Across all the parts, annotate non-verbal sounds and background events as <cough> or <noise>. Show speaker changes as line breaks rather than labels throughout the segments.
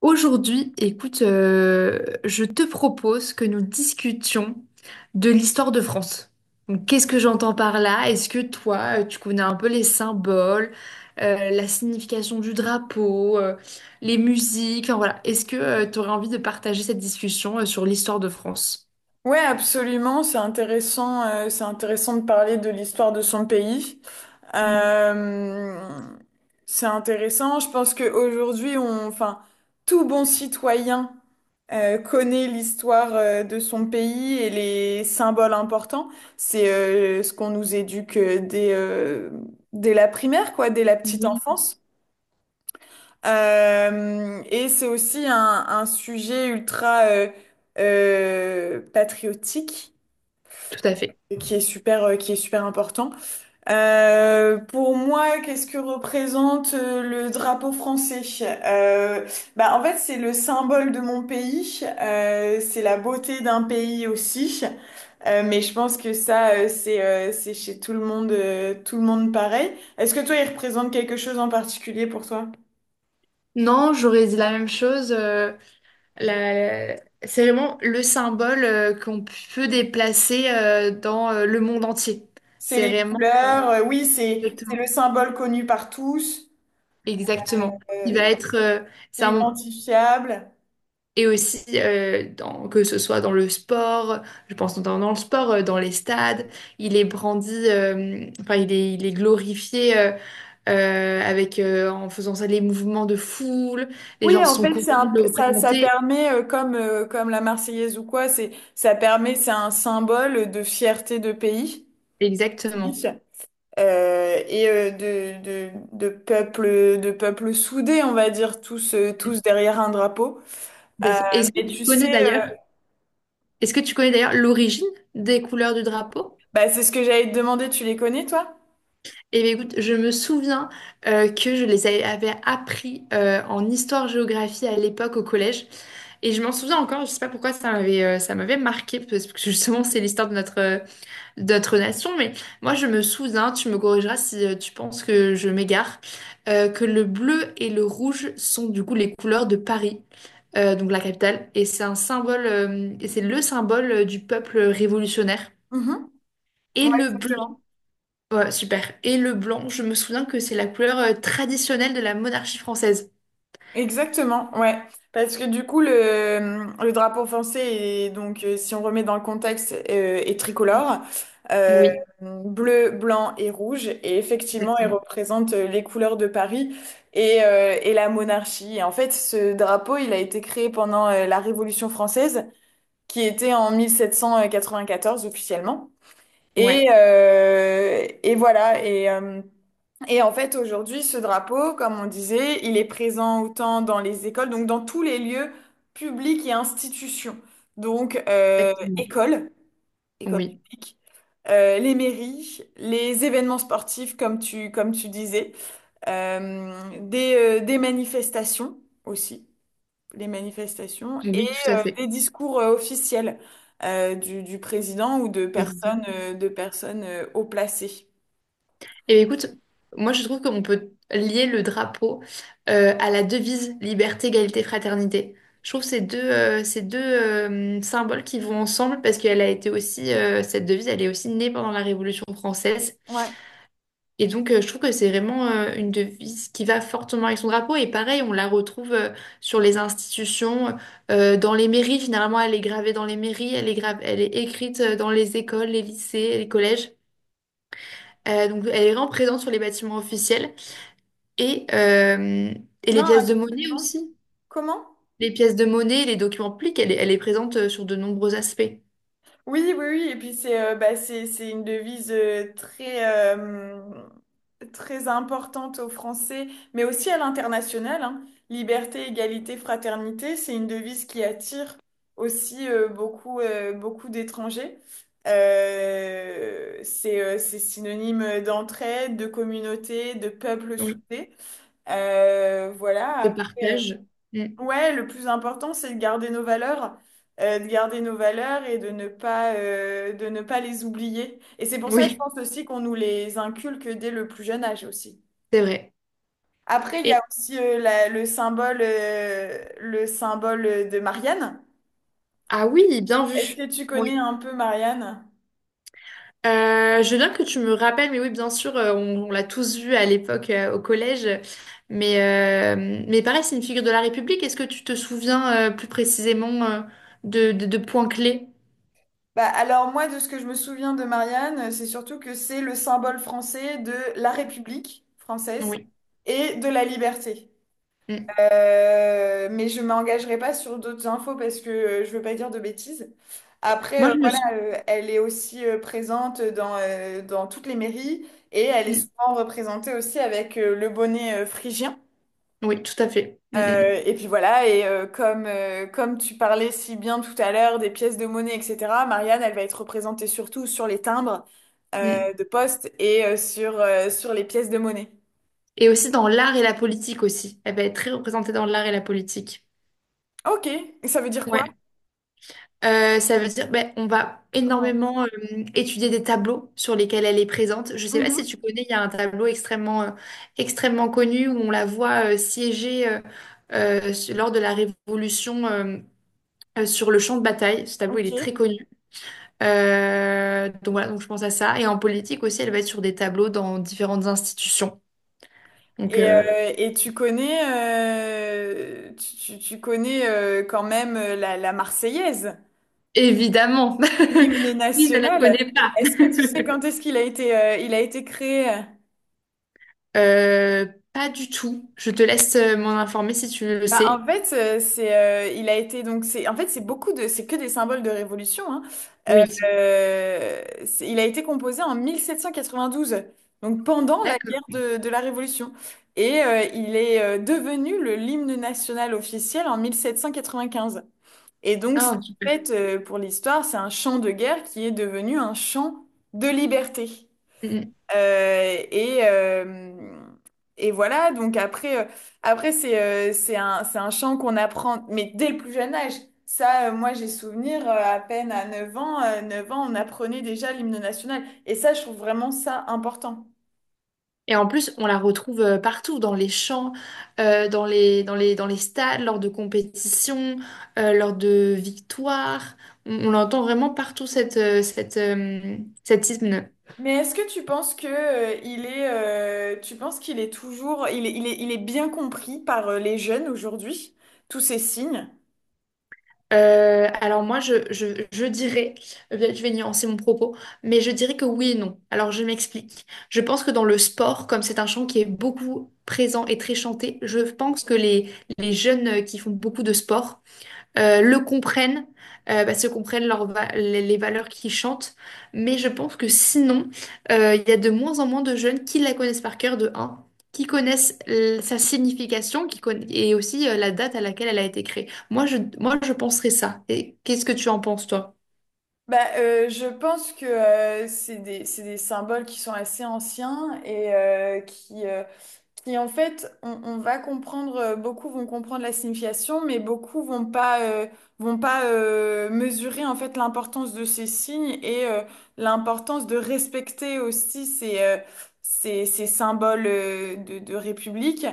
Aujourd'hui, écoute, je te propose que nous discutions de l'histoire de France. Donc, qu'est-ce que j'entends par là? Est-ce que toi, tu connais un peu les symboles, la signification du drapeau, les musiques, enfin voilà. Est-ce que tu aurais envie de partager cette discussion, sur l'histoire de France?
Ouais, absolument. C'est intéressant. C'est intéressant de parler de l'histoire de son pays.
Ouais.
Euh, c'est intéressant. Je pense qu'aujourd'hui, enfin, tout bon citoyen connaît l'histoire de son pays et les symboles importants. C'est ce qu'on nous éduque dès la primaire, quoi, dès la petite
Oui.
enfance. Et c'est aussi un sujet ultra patriotique
Tout à fait.
et qui est qui est super important. Pour moi, qu'est-ce que représente le drapeau français? Euh, Bah, en fait, c'est le symbole de mon pays. C'est la beauté d'un pays aussi. Mais je pense que ça, c'est chez tout le monde pareil. Est-ce que toi, il représente quelque chose en particulier pour toi?
Non, j'aurais dit la même chose. La- C'est vraiment le symbole qu'on peut déplacer dans le monde entier.
C'est
C'est
les
vraiment
couleurs. Oui, c'est le
exactement.
symbole connu par tous.
Exactement. Il va
euh,
être c'est
c'est
un mom-
identifiable.
que ce soit dans le sport, je pense notamment dans le sport, dans les stades, il est brandi, enfin il est glorifié avec en faisant ça les mouvements de foule, les
Oui,
gens
en
sont
fait,
contents de le
ça, ça
représenter.
permet, comme, comme la Marseillaise ou quoi, ça permet, c'est un symbole de fierté de pays
Exactement.
et de peuple soudé, on va dire, tous, tous derrière un drapeau. Euh,
Est-ce que
mais
tu
tu
connais
sais,
d'ailleurs? Est-ce que tu connais d'ailleurs l'origine des couleurs du drapeau?
bah, c'est ce que j'allais te demander, tu les connais, toi?
Eh bien, écoute, je me souviens que je les avais appris en histoire-géographie à l'époque au collège. Et je m'en souviens encore, je sais pas pourquoi ça m'avait marqué, parce que justement, c'est l'histoire de notre, de notre nation. Mais moi, je me souviens, tu me corrigeras si tu penses que je m'égare, que le bleu et le rouge sont du coup les couleurs de Paris, donc la capitale. Et c'est le symbole du peuple révolutionnaire.
Mhm.
Et
Ouais,
le bleu.
exactement.
Ouais, super. Et le blanc, je me souviens que c'est la couleur traditionnelle de la monarchie française.
Exactement, ouais. Parce que du coup, le drapeau français est donc, si on remet dans le contexte, est tricolore, euh,
Oui,
bleu, blanc et rouge. Et effectivement, il
exactement.
représente les couleurs de Paris et la monarchie. Et en fait, ce drapeau, il a été créé pendant la Révolution française, qui était en 1794 officiellement.
Ouais,
Et voilà. Et en fait, aujourd'hui, ce drapeau, comme on disait, il est présent autant dans les écoles, donc dans tous les lieux publics et institutions. Donc,
exactement.
écoles, écoles
Oui,
publiques, les mairies, les événements sportifs, comme tu disais, euh, des, des manifestations aussi, les manifestations, et
oui, tout à fait.
des discours officiels du président ou de
Président.
personnes, de personnes haut placées.
Et bien, écoute, moi je trouve qu'on peut lier le drapeau à la devise liberté, égalité, fraternité. Je trouve ces deux symboles qui vont ensemble parce qu'elle a été aussi, cette devise, elle est aussi née pendant la Révolution française.
Ouais.
Et donc, je trouve que c'est vraiment une devise qui va fortement avec son drapeau. Et pareil, on la retrouve sur les institutions, dans les mairies. Finalement, elle est gravée dans les mairies, elle est écrite dans les écoles, les lycées, les collèges. Donc, elle est vraiment présente sur les bâtiments officiels. Et, euh, et les
Non,
pièces de monnaie
absolument.
aussi.
Comment?
Les pièces de monnaie, les documents publics, elle est présente sur de nombreux aspects.
Oui, oui, oui, et puis c'est bah, c'est une devise euh, très importante aux Français, mais aussi à l'international, hein. Liberté, égalité, fraternité, c'est une devise qui attire aussi beaucoup d'étrangers. C'est c'est synonyme d'entraide, de communauté, de peuple
Oui.
soudé. Voilà,
De
après.
partage. Mm.
Ouais, le plus important, c'est de garder nos valeurs, et de ne pas les oublier. Et c'est pour ça, je
Oui,
pense aussi qu'on nous les inculque dès le plus jeune âge aussi.
c'est vrai.
Après, il y a
Et,
aussi le symbole de Marianne.
ah oui, bien
Est-ce
vu.
que tu connais un peu Marianne?
Je veux bien que tu me rappelles, mais oui, bien sûr, on l'a tous vu à l'époque au collège. Mais pareil, c'est une figure de la République. Est-ce que tu te souviens plus précisément de points clés?
Bah, alors moi, de ce que je me souviens de Marianne, c'est surtout que c'est le symbole français de la République française
Oui.
et de la liberté.
Mm.
Mais je m'engagerai pas sur d'autres infos parce que je veux pas dire de bêtises. Après,
Moi, je me
voilà,
souviens.
elle est aussi présente dans, dans toutes les mairies et elle est souvent représentée aussi avec le bonnet phrygien.
Oui, tout à fait. Mm,
Et puis voilà, et comme, comme tu parlais si bien tout à l'heure des pièces de monnaie, etc., Marianne, elle va être représentée surtout sur les timbres
mm, mm.
de poste et sur les pièces de monnaie.
Et aussi dans l'art et la politique aussi. Elle va être très représentée dans l'art et la politique.
Ok, et ça veut dire quoi?
Ouais. Ça veut dire, ben, on va
Comment-
énormément étudier des tableaux sur lesquels elle est présente. Je sais pas si
Mhm.
tu connais, il y a un tableau extrêmement connu où on la voit siéger lors de la Révolution sur le champ de bataille. Ce tableau, il
Ok.
est très connu. Donc voilà, donc je pense à ça. Et en politique aussi, elle va être sur des tableaux dans différentes institutions. Donc
Et tu connais, tu connais quand même la Marseillaise,
évidemment,
l'hymne
<laughs> qui ne la
national.
connaît pas?
Est-ce que tu sais
<laughs>
quand est-ce qu'il a été, il a été créé?
Euh, Pas du tout. Je te laisse m'en informer si tu le
Bah, en
sais.
fait, il a été donc c'est, en fait c'est beaucoup de, c'est que des symboles de révolution. Hein. Euh,
Oui.
il a été composé en 1792, donc pendant la
D'accord.
guerre de la Révolution, et il est devenu le l'hymne national officiel en 1795. Et donc, c'est-
Ah,
En
super.
fait, pour l'histoire, c'est un champ de guerre qui est devenu un champ de liberté.
Mm. Mm.
Euh, et, euh, et voilà, donc après, c'est c'est un chant qu'on apprend, mais dès le plus jeune âge. Ça, moi, j'ai souvenir, à peine à 9 ans, on apprenait déjà l'hymne national. Et ça, je trouve vraiment ça important.
Et en plus, on la retrouve partout, dans les champs, dans les stades, lors de compétitions, lors de victoires. On l'entend vraiment partout, cet hymne.
Mais est-ce que tu penses que, tu penses qu'il est toujours, il est bien compris par, les jeunes aujourd'hui, tous ces signes?
Alors moi, je dirais, je vais nuancer mon propos, mais je dirais que oui et non. Alors je m'explique. Je pense que dans le sport, comme c'est un chant qui est beaucoup présent et très chanté, je pense que les jeunes qui font beaucoup de sport le comprennent, parce que comprennent les valeurs qu'ils chantent. Mais je pense que sinon, il y a de moins en moins de jeunes qui la connaissent par cœur de 1, qui connaissent sa signification, et aussi la date à laquelle elle a été créée. Moi, je penserais ça. Et qu'est-ce que tu en penses, toi?
Bah, je pense que c'est des symboles qui sont assez anciens et qui en fait, on va comprendre, beaucoup vont comprendre la signification, mais beaucoup vont pas, mesurer en fait l'importance de ces signes et l'importance de respecter aussi ces symboles de République,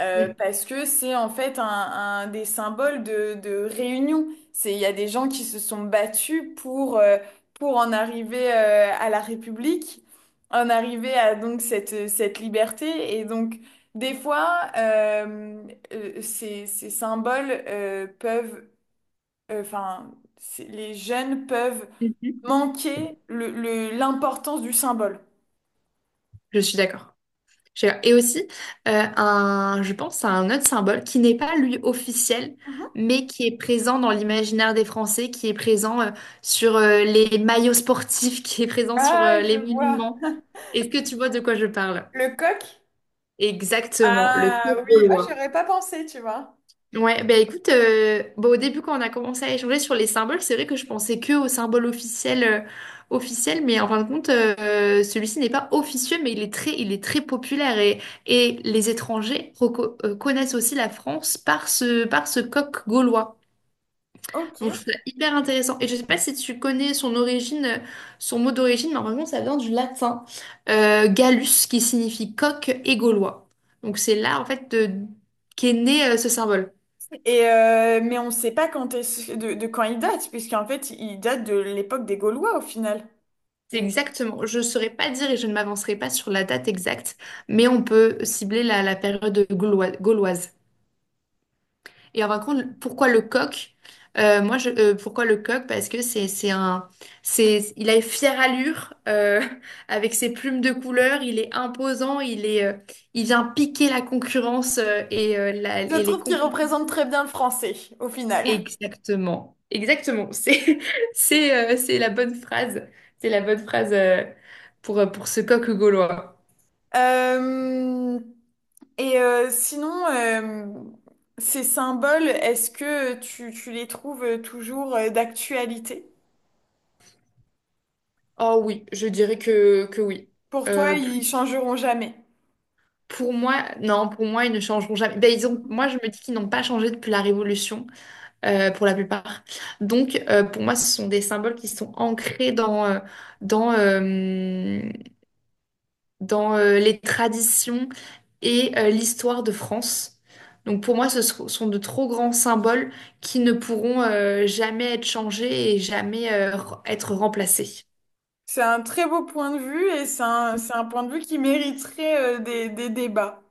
Mm.
parce que c'est en fait un des symboles de réunion. C'est, il y a des gens qui se sont battus pour en arriver à la République, en arriver à donc cette, cette liberté. Et donc, des fois, ces symboles peuvent, enfin, les jeunes peuvent
Mhm.
manquer l'importance du symbole.
Je suis d'accord. Et aussi, je pense à un autre symbole qui n'est pas lui officiel,
Mhm.
mais qui est présent dans l'imaginaire des Français, qui est présent sur les maillots sportifs, <laughs> qui est présent sur
Ah, je
les
vois.
monuments. Est-ce que tu vois de quoi je parle?
Le coq?
Exactement, le queue
Ah oui, ah,
gaulois.
j'aurais pas pensé, tu vois.
Ouais, bah écoute, bah, au début quand on a commencé à échanger sur les symboles, c'est vrai que je pensais que aux symboles officiels, officiels, mais en fin de compte, celui-ci n'est pas officieux, mais il est très populaire et les étrangers connaissent aussi la France par ce coq gaulois.
Ok.
Donc je trouve ça hyper intéressant. Et je sais pas si tu connais son origine, son mot d'origine, mais en fin de compte, ça vient du latin gallus, qui signifie coq et gaulois. Donc c'est là en fait qu'est né ce symbole.
Et mais on ne sait pas de quand il date, puisqu'en fait, il date de l'époque des Gaulois au final.
C'est
Ou-
exactement. Je ne saurais pas dire et je ne m'avancerai pas sur la date exacte, mais on peut cibler la période gauloise. Gauloise. Et en fin de compte, pourquoi le coq? Pourquoi le coq? Parce que il a une fière allure <laughs> avec ses plumes de couleur. Il est imposant. Il vient piquer la concurrence
Je
et les
trouve qu'il représente
compétitions.
très bien le français au final.
Exactement. Exactement. <laughs> C'est la bonne phrase. C'est la bonne phrase pour ce coq gaulois.
Euh, et euh, sinon, euh, Ces symboles, est-ce que tu les trouves toujours d'actualité?
Oh oui, je dirais que oui.
Pour toi,
Euh,
ils
plus,
changeront jamais.
pour moi, non, pour moi, ils ne changeront jamais. Ben, moi, je me dis qu'ils n'ont pas changé depuis la Révolution, pour la plupart. Donc, pour moi, ce sont des symboles qui sont ancrés dans, euh, dans les traditions et l'histoire de France. Donc, pour moi, ce sont de trop grands symboles qui ne pourront jamais être changés et jamais être remplacés.
C'est un très beau point de vue et c'est c'est un point de vue qui mériterait des débats.